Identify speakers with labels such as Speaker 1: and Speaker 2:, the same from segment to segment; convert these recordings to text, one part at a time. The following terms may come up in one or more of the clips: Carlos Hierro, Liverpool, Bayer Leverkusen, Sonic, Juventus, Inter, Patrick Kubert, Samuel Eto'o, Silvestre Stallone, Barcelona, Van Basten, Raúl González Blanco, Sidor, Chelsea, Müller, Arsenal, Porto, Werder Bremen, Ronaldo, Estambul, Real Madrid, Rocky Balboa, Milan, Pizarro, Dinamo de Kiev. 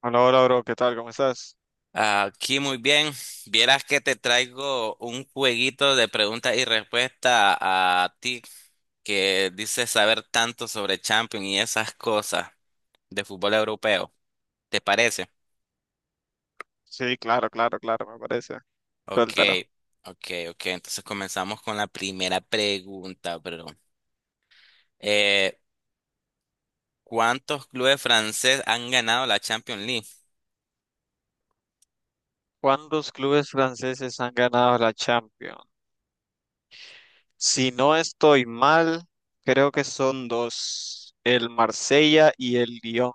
Speaker 1: Hola, hola, bro, ¿qué tal? ¿Cómo estás?
Speaker 2: Aquí muy bien. Vieras que te traigo un jueguito de preguntas y respuestas a ti que dices saber tanto sobre Champions y esas cosas de fútbol europeo. ¿Te parece?
Speaker 1: Sí, claro, claro, claro, me parece.
Speaker 2: Ok,
Speaker 1: Suéltalo.
Speaker 2: ok, ok. Entonces comenzamos con la primera pregunta, bro. Eh, ¿Cuántos clubes franceses han ganado la Champions League?
Speaker 1: ¿Cuántos clubes franceses han ganado la Champions? Si no estoy mal, creo que son dos, el Marsella y el Lyon.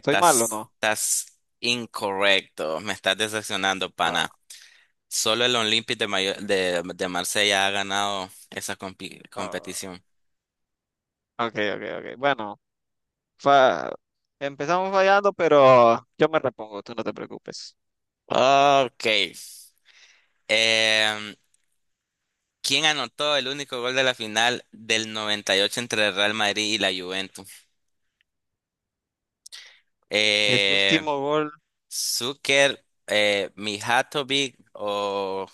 Speaker 1: ¿Estoy mal o no?
Speaker 2: estás incorrecto. Me estás decepcionando,
Speaker 1: No,
Speaker 2: pana. Solo el Olympique de Marsella ha ganado esa compi-
Speaker 1: no.
Speaker 2: competición.
Speaker 1: Ok, ok, ok. Bueno, fa- empezamos fallando, pero yo me repongo, tú no te preocupes.
Speaker 2: Ok. Em, ¿Quién anotó el único gol de la final del 98 entre el Real Madrid y la Juventus?
Speaker 1: El
Speaker 2: Eh,
Speaker 1: último gol,
Speaker 2: Zucker, Mijatovic o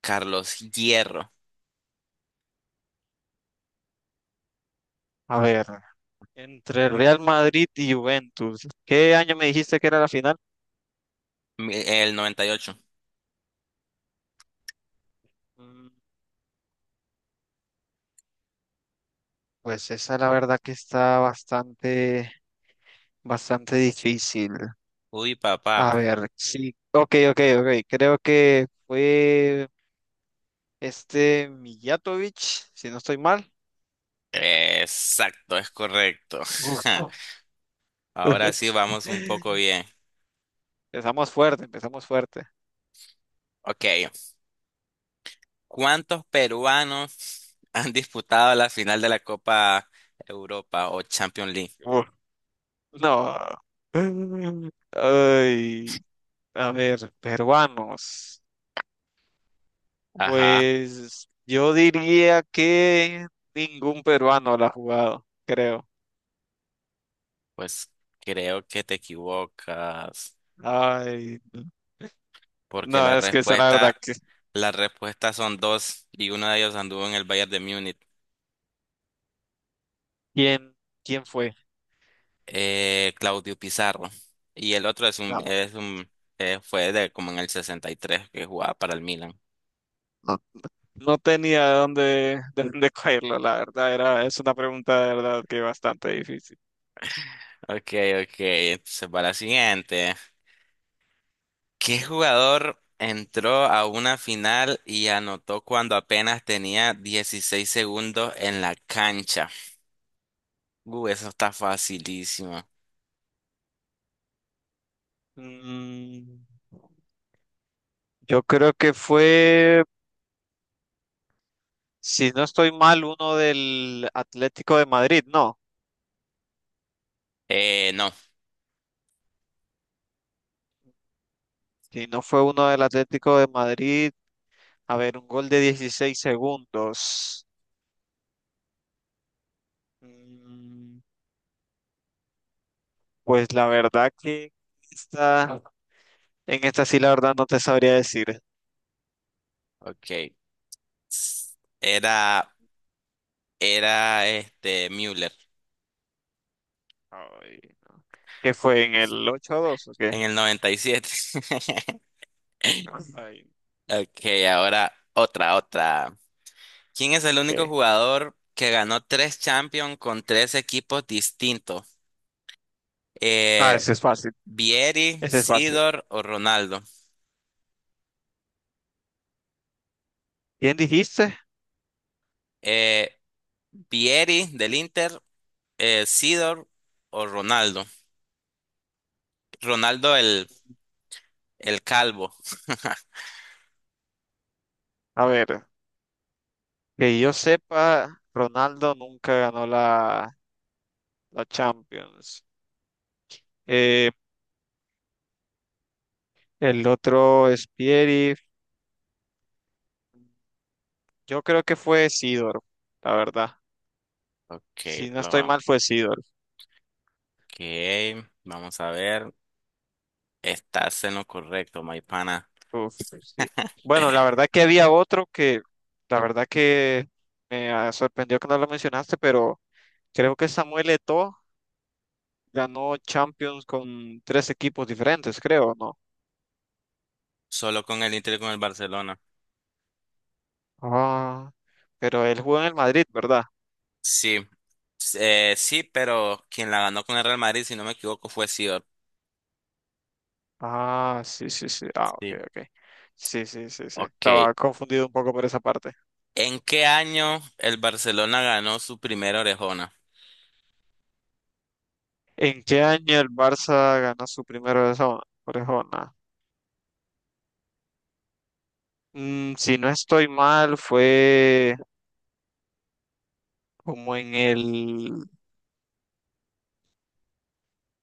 Speaker 2: Carlos Hierro.
Speaker 1: a ver, entre el Real Madrid y Juventus. ¿Qué año me dijiste que era la final?
Speaker 2: El 98.
Speaker 1: Pues esa la verdad que está bastante, bastante difícil.
Speaker 2: Uy, papá.
Speaker 1: A ver, sí, ok, ok, ok. Creo que fue este Mijatovic, si no estoy mal.
Speaker 2: Exacto, es correcto.
Speaker 1: Uf.
Speaker 2: Ahora sí vamos un poco bien.
Speaker 1: Empezamos fuerte, empezamos fuerte.
Speaker 2: Ok. ¿Cuántos peruanos han disputado la final de la Copa Europa o Champions League?
Speaker 1: Uf, no. Ay, a ver, peruanos.
Speaker 2: Ajá,
Speaker 1: Pues yo diría que ningún peruano la ha jugado, creo.
Speaker 2: pues creo que te equivocas,
Speaker 1: Ay.
Speaker 2: porque la
Speaker 1: No, es que esa la verdad
Speaker 2: respuesta,
Speaker 1: que
Speaker 2: la respuesta son dos y uno de ellos anduvo en el Bayern de Múnich,
Speaker 1: ¿quién, quién fue?
Speaker 2: Claudio Pizarro, y el otro es un,
Speaker 1: No,
Speaker 2: es un, fue de como en el 63 que jugaba para el Milan.
Speaker 1: no, no tenía de dónde cogerlo, la verdad, era, es una pregunta de verdad que bastante difícil.
Speaker 2: Ok, ok, entonces va la siguiente. ¿Qué jugador entró a una final y anotó cuando apenas tenía 16 segundos en la cancha? Eso está facilísimo.
Speaker 1: Mm, yo creo que fue, si no estoy mal, uno del Atlético de Madrid, no.
Speaker 2: No,
Speaker 1: Si no fue uno del Atlético de Madrid, a ver, un gol de 16 segundos. Mm, pues la verdad que esta, en esta sí la verdad no te sabría decir.
Speaker 2: ok. S- Era, era este Müller
Speaker 1: Ay. Que fue en el 8 dos, ¿o qué?
Speaker 2: en el 97.
Speaker 1: Ay,
Speaker 2: Ok, ahora otra, otra. ¿Quién es el único
Speaker 1: ¿qué?
Speaker 2: jugador que ganó tres Champions con tres equipos distintos?
Speaker 1: Ah,
Speaker 2: Eh,
Speaker 1: ese es fácil,
Speaker 2: Vieri,
Speaker 1: ese es fácil.
Speaker 2: Sidor o Ronaldo.
Speaker 1: ¿Quién dijiste?
Speaker 2: Eh, Vieri del Inter, Sidor o Ronaldo. Ronaldo el calvo.
Speaker 1: A ver, que yo sepa, Ronaldo nunca ganó la Champions. Eh, el otro es Pieri, yo creo que fue Sidor, la verdad.
Speaker 2: Ok,
Speaker 1: Si no estoy
Speaker 2: lo,
Speaker 1: mal, fue Sidor.
Speaker 2: ok, vamos a ver. Estás en lo correcto, Maipana.
Speaker 1: Uf, sí. Bueno, la verdad que había otro que, la verdad que me sorprendió que no lo mencionaste, pero creo que Samuel Eto'o ganó Champions con tres equipos diferentes, creo, ¿no?
Speaker 2: Solo con el Inter y con el Barcelona.
Speaker 1: Ah, pero él jugó en el Madrid, ¿verdad?
Speaker 2: Sí, sí, pero quien la ganó con el Real Madrid, si no me equivoco, fue Sidor.
Speaker 1: Ah, sí, sí, sí. Ah, ok,
Speaker 2: Sí,
Speaker 1: ok. Sí, sí, sí, sí.
Speaker 2: ok.
Speaker 1: Estaba confundido un poco por esa parte.
Speaker 2: ¿En qué año el Barcelona ganó su primera orejona?
Speaker 1: ¿En qué año el Barça ganó su primera orejona? Si no estoy mal, fue como en el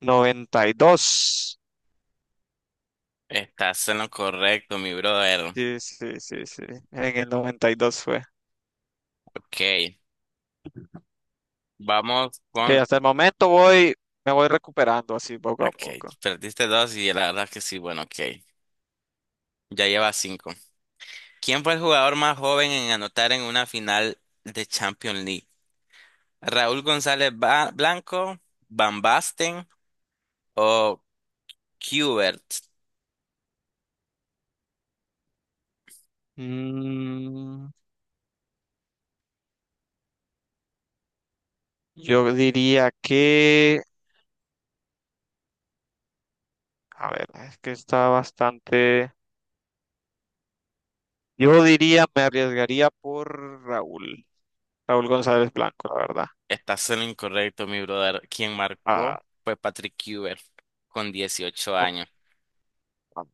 Speaker 1: 92.
Speaker 2: Estás en lo correcto, mi brother.
Speaker 1: Sí, sí, sí, sí. En el 92 fue.
Speaker 2: Ok. Vamos
Speaker 1: Que
Speaker 2: con...
Speaker 1: hasta el momento me voy recuperando así poco a
Speaker 2: Ok,
Speaker 1: poco.
Speaker 2: perdiste dos y la verdad que sí, bueno, ok. Ya lleva cinco. ¿Quién fue el jugador más joven en anotar en una final de Champions League? ¿Raúl González Blanco, Van Basten o Kubert?
Speaker 1: Mm, yo diría que, a ver, es que está bastante. Me arriesgaría por Raúl, Raúl González Blanco, la verdad.
Speaker 2: Estás en lo incorrecto, mi brother. Quien marcó
Speaker 1: Ah,
Speaker 2: fue Patrick Kubert con 18
Speaker 1: con-
Speaker 2: años.
Speaker 1: ah,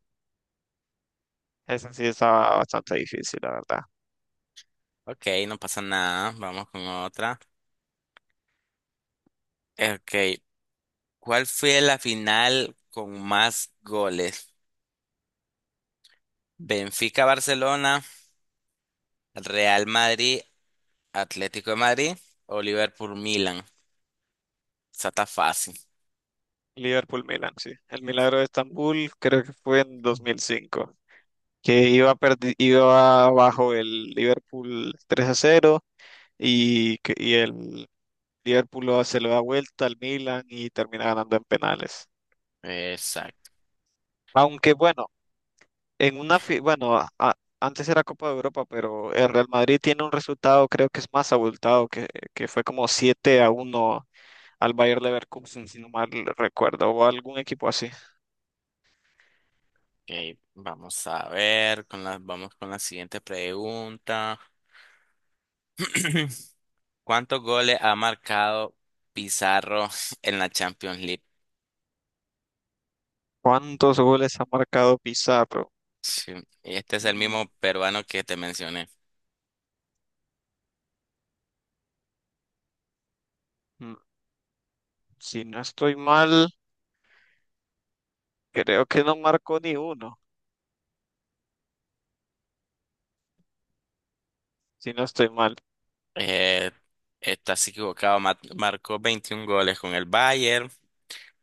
Speaker 1: esa sí estaba bastante difícil, la verdad.
Speaker 2: Ok, no pasa nada. Vamos con otra. Ok, ¿cuál fue la final con más goles? Benfica-Barcelona. Real Madrid, Atlético de Madrid o Liverpool, Milan. Esa está fácil.
Speaker 1: Liverpool Milan, sí. El milagro de Estambul creo que fue en 2005. Que iba abajo el Liverpool 3-0 y el Liverpool se lo da vuelta al Milan y termina ganando en penales.
Speaker 2: Exacto.
Speaker 1: Aunque bueno, en una fi- bueno, a- antes era Copa de Europa, pero el Real Madrid tiene un resultado creo que es más abultado, que fue como 7-1 al Bayer Leverkusen, si no mal recuerdo, o algún equipo así.
Speaker 2: Ok, vamos a ver, vamos con la siguiente pregunta. ¿Cuántos goles ha marcado Pizarro en la Champions League?
Speaker 1: ¿Cuántos goles ha marcado Pizarro?
Speaker 2: Sí, este es el
Speaker 1: Ujú,
Speaker 2: mismo peruano que te mencioné.
Speaker 1: ujú. Si no estoy mal, creo que no marcó ni uno, si no estoy mal.
Speaker 2: Eh, estás equivocado. Marcó 21 goles con el Bayern,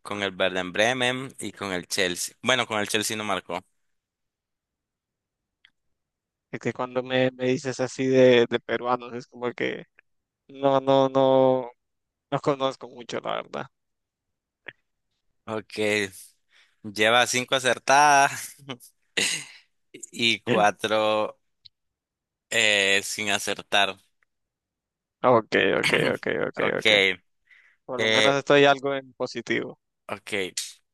Speaker 2: con el Werder Bremen y con el Chelsea. Bueno, con el Chelsea no marcó.
Speaker 1: Es que cuando me dices así de peruanos, es como que no, no, no. No conozco mucho, la verdad.
Speaker 2: Ok. Lleva cinco acertadas y cuatro sin acertar.
Speaker 1: Ok, ok, ok, ok,
Speaker 2: Ok,
Speaker 1: ok. Por lo menos
Speaker 2: eh,
Speaker 1: estoy algo en positivo.
Speaker 2: ok.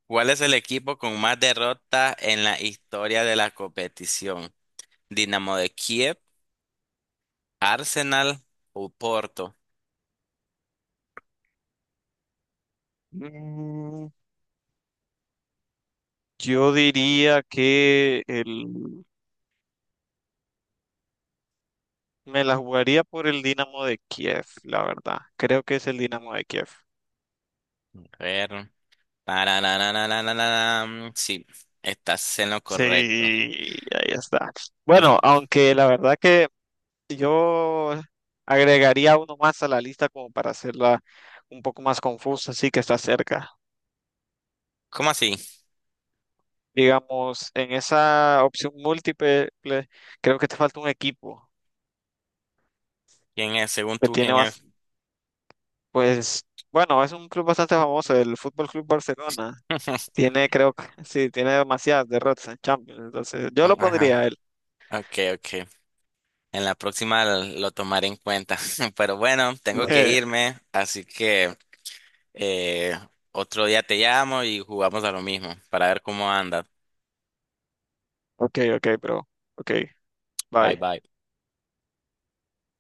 Speaker 2: ¿Cuál es el equipo con más derrotas en la historia de la competición? ¿Dinamo de Kiev, Arsenal o Porto?
Speaker 1: Mm, yo diría que me la jugaría por el Dinamo de Kiev, la verdad. Creo que es el Dinamo de Kiev.
Speaker 2: A ver. Tarararararararam. Sí, estás en lo
Speaker 1: Sí,
Speaker 2: correcto.
Speaker 1: ahí está. Bueno, aunque la verdad que yo agregaría uno más a la lista como para hacerla un poco más confusa, así que está cerca.
Speaker 2: ¿Cómo así?
Speaker 1: Digamos, en esa opción múltiple, creo que te falta un equipo
Speaker 2: ¿Quién es? Según
Speaker 1: que
Speaker 2: tú,
Speaker 1: tiene
Speaker 2: ¿quién es?
Speaker 1: más, pues, bueno, es un club bastante famoso, el Fútbol Club Barcelona. Tiene, creo que, sí, tiene demasiadas derrotas en Champions. Entonces, yo lo
Speaker 2: Ajá.
Speaker 1: pondría a él.
Speaker 2: Ok, ok. En la próxima lo tomaré en cuenta. Pero bueno, tengo que
Speaker 1: Eh,
Speaker 2: irme, así que eh, otro día te llamo y jugamos a lo mismo para ver cómo anda.
Speaker 1: ok, ok, bro. Ok,
Speaker 2: Bye
Speaker 1: bye.
Speaker 2: bye.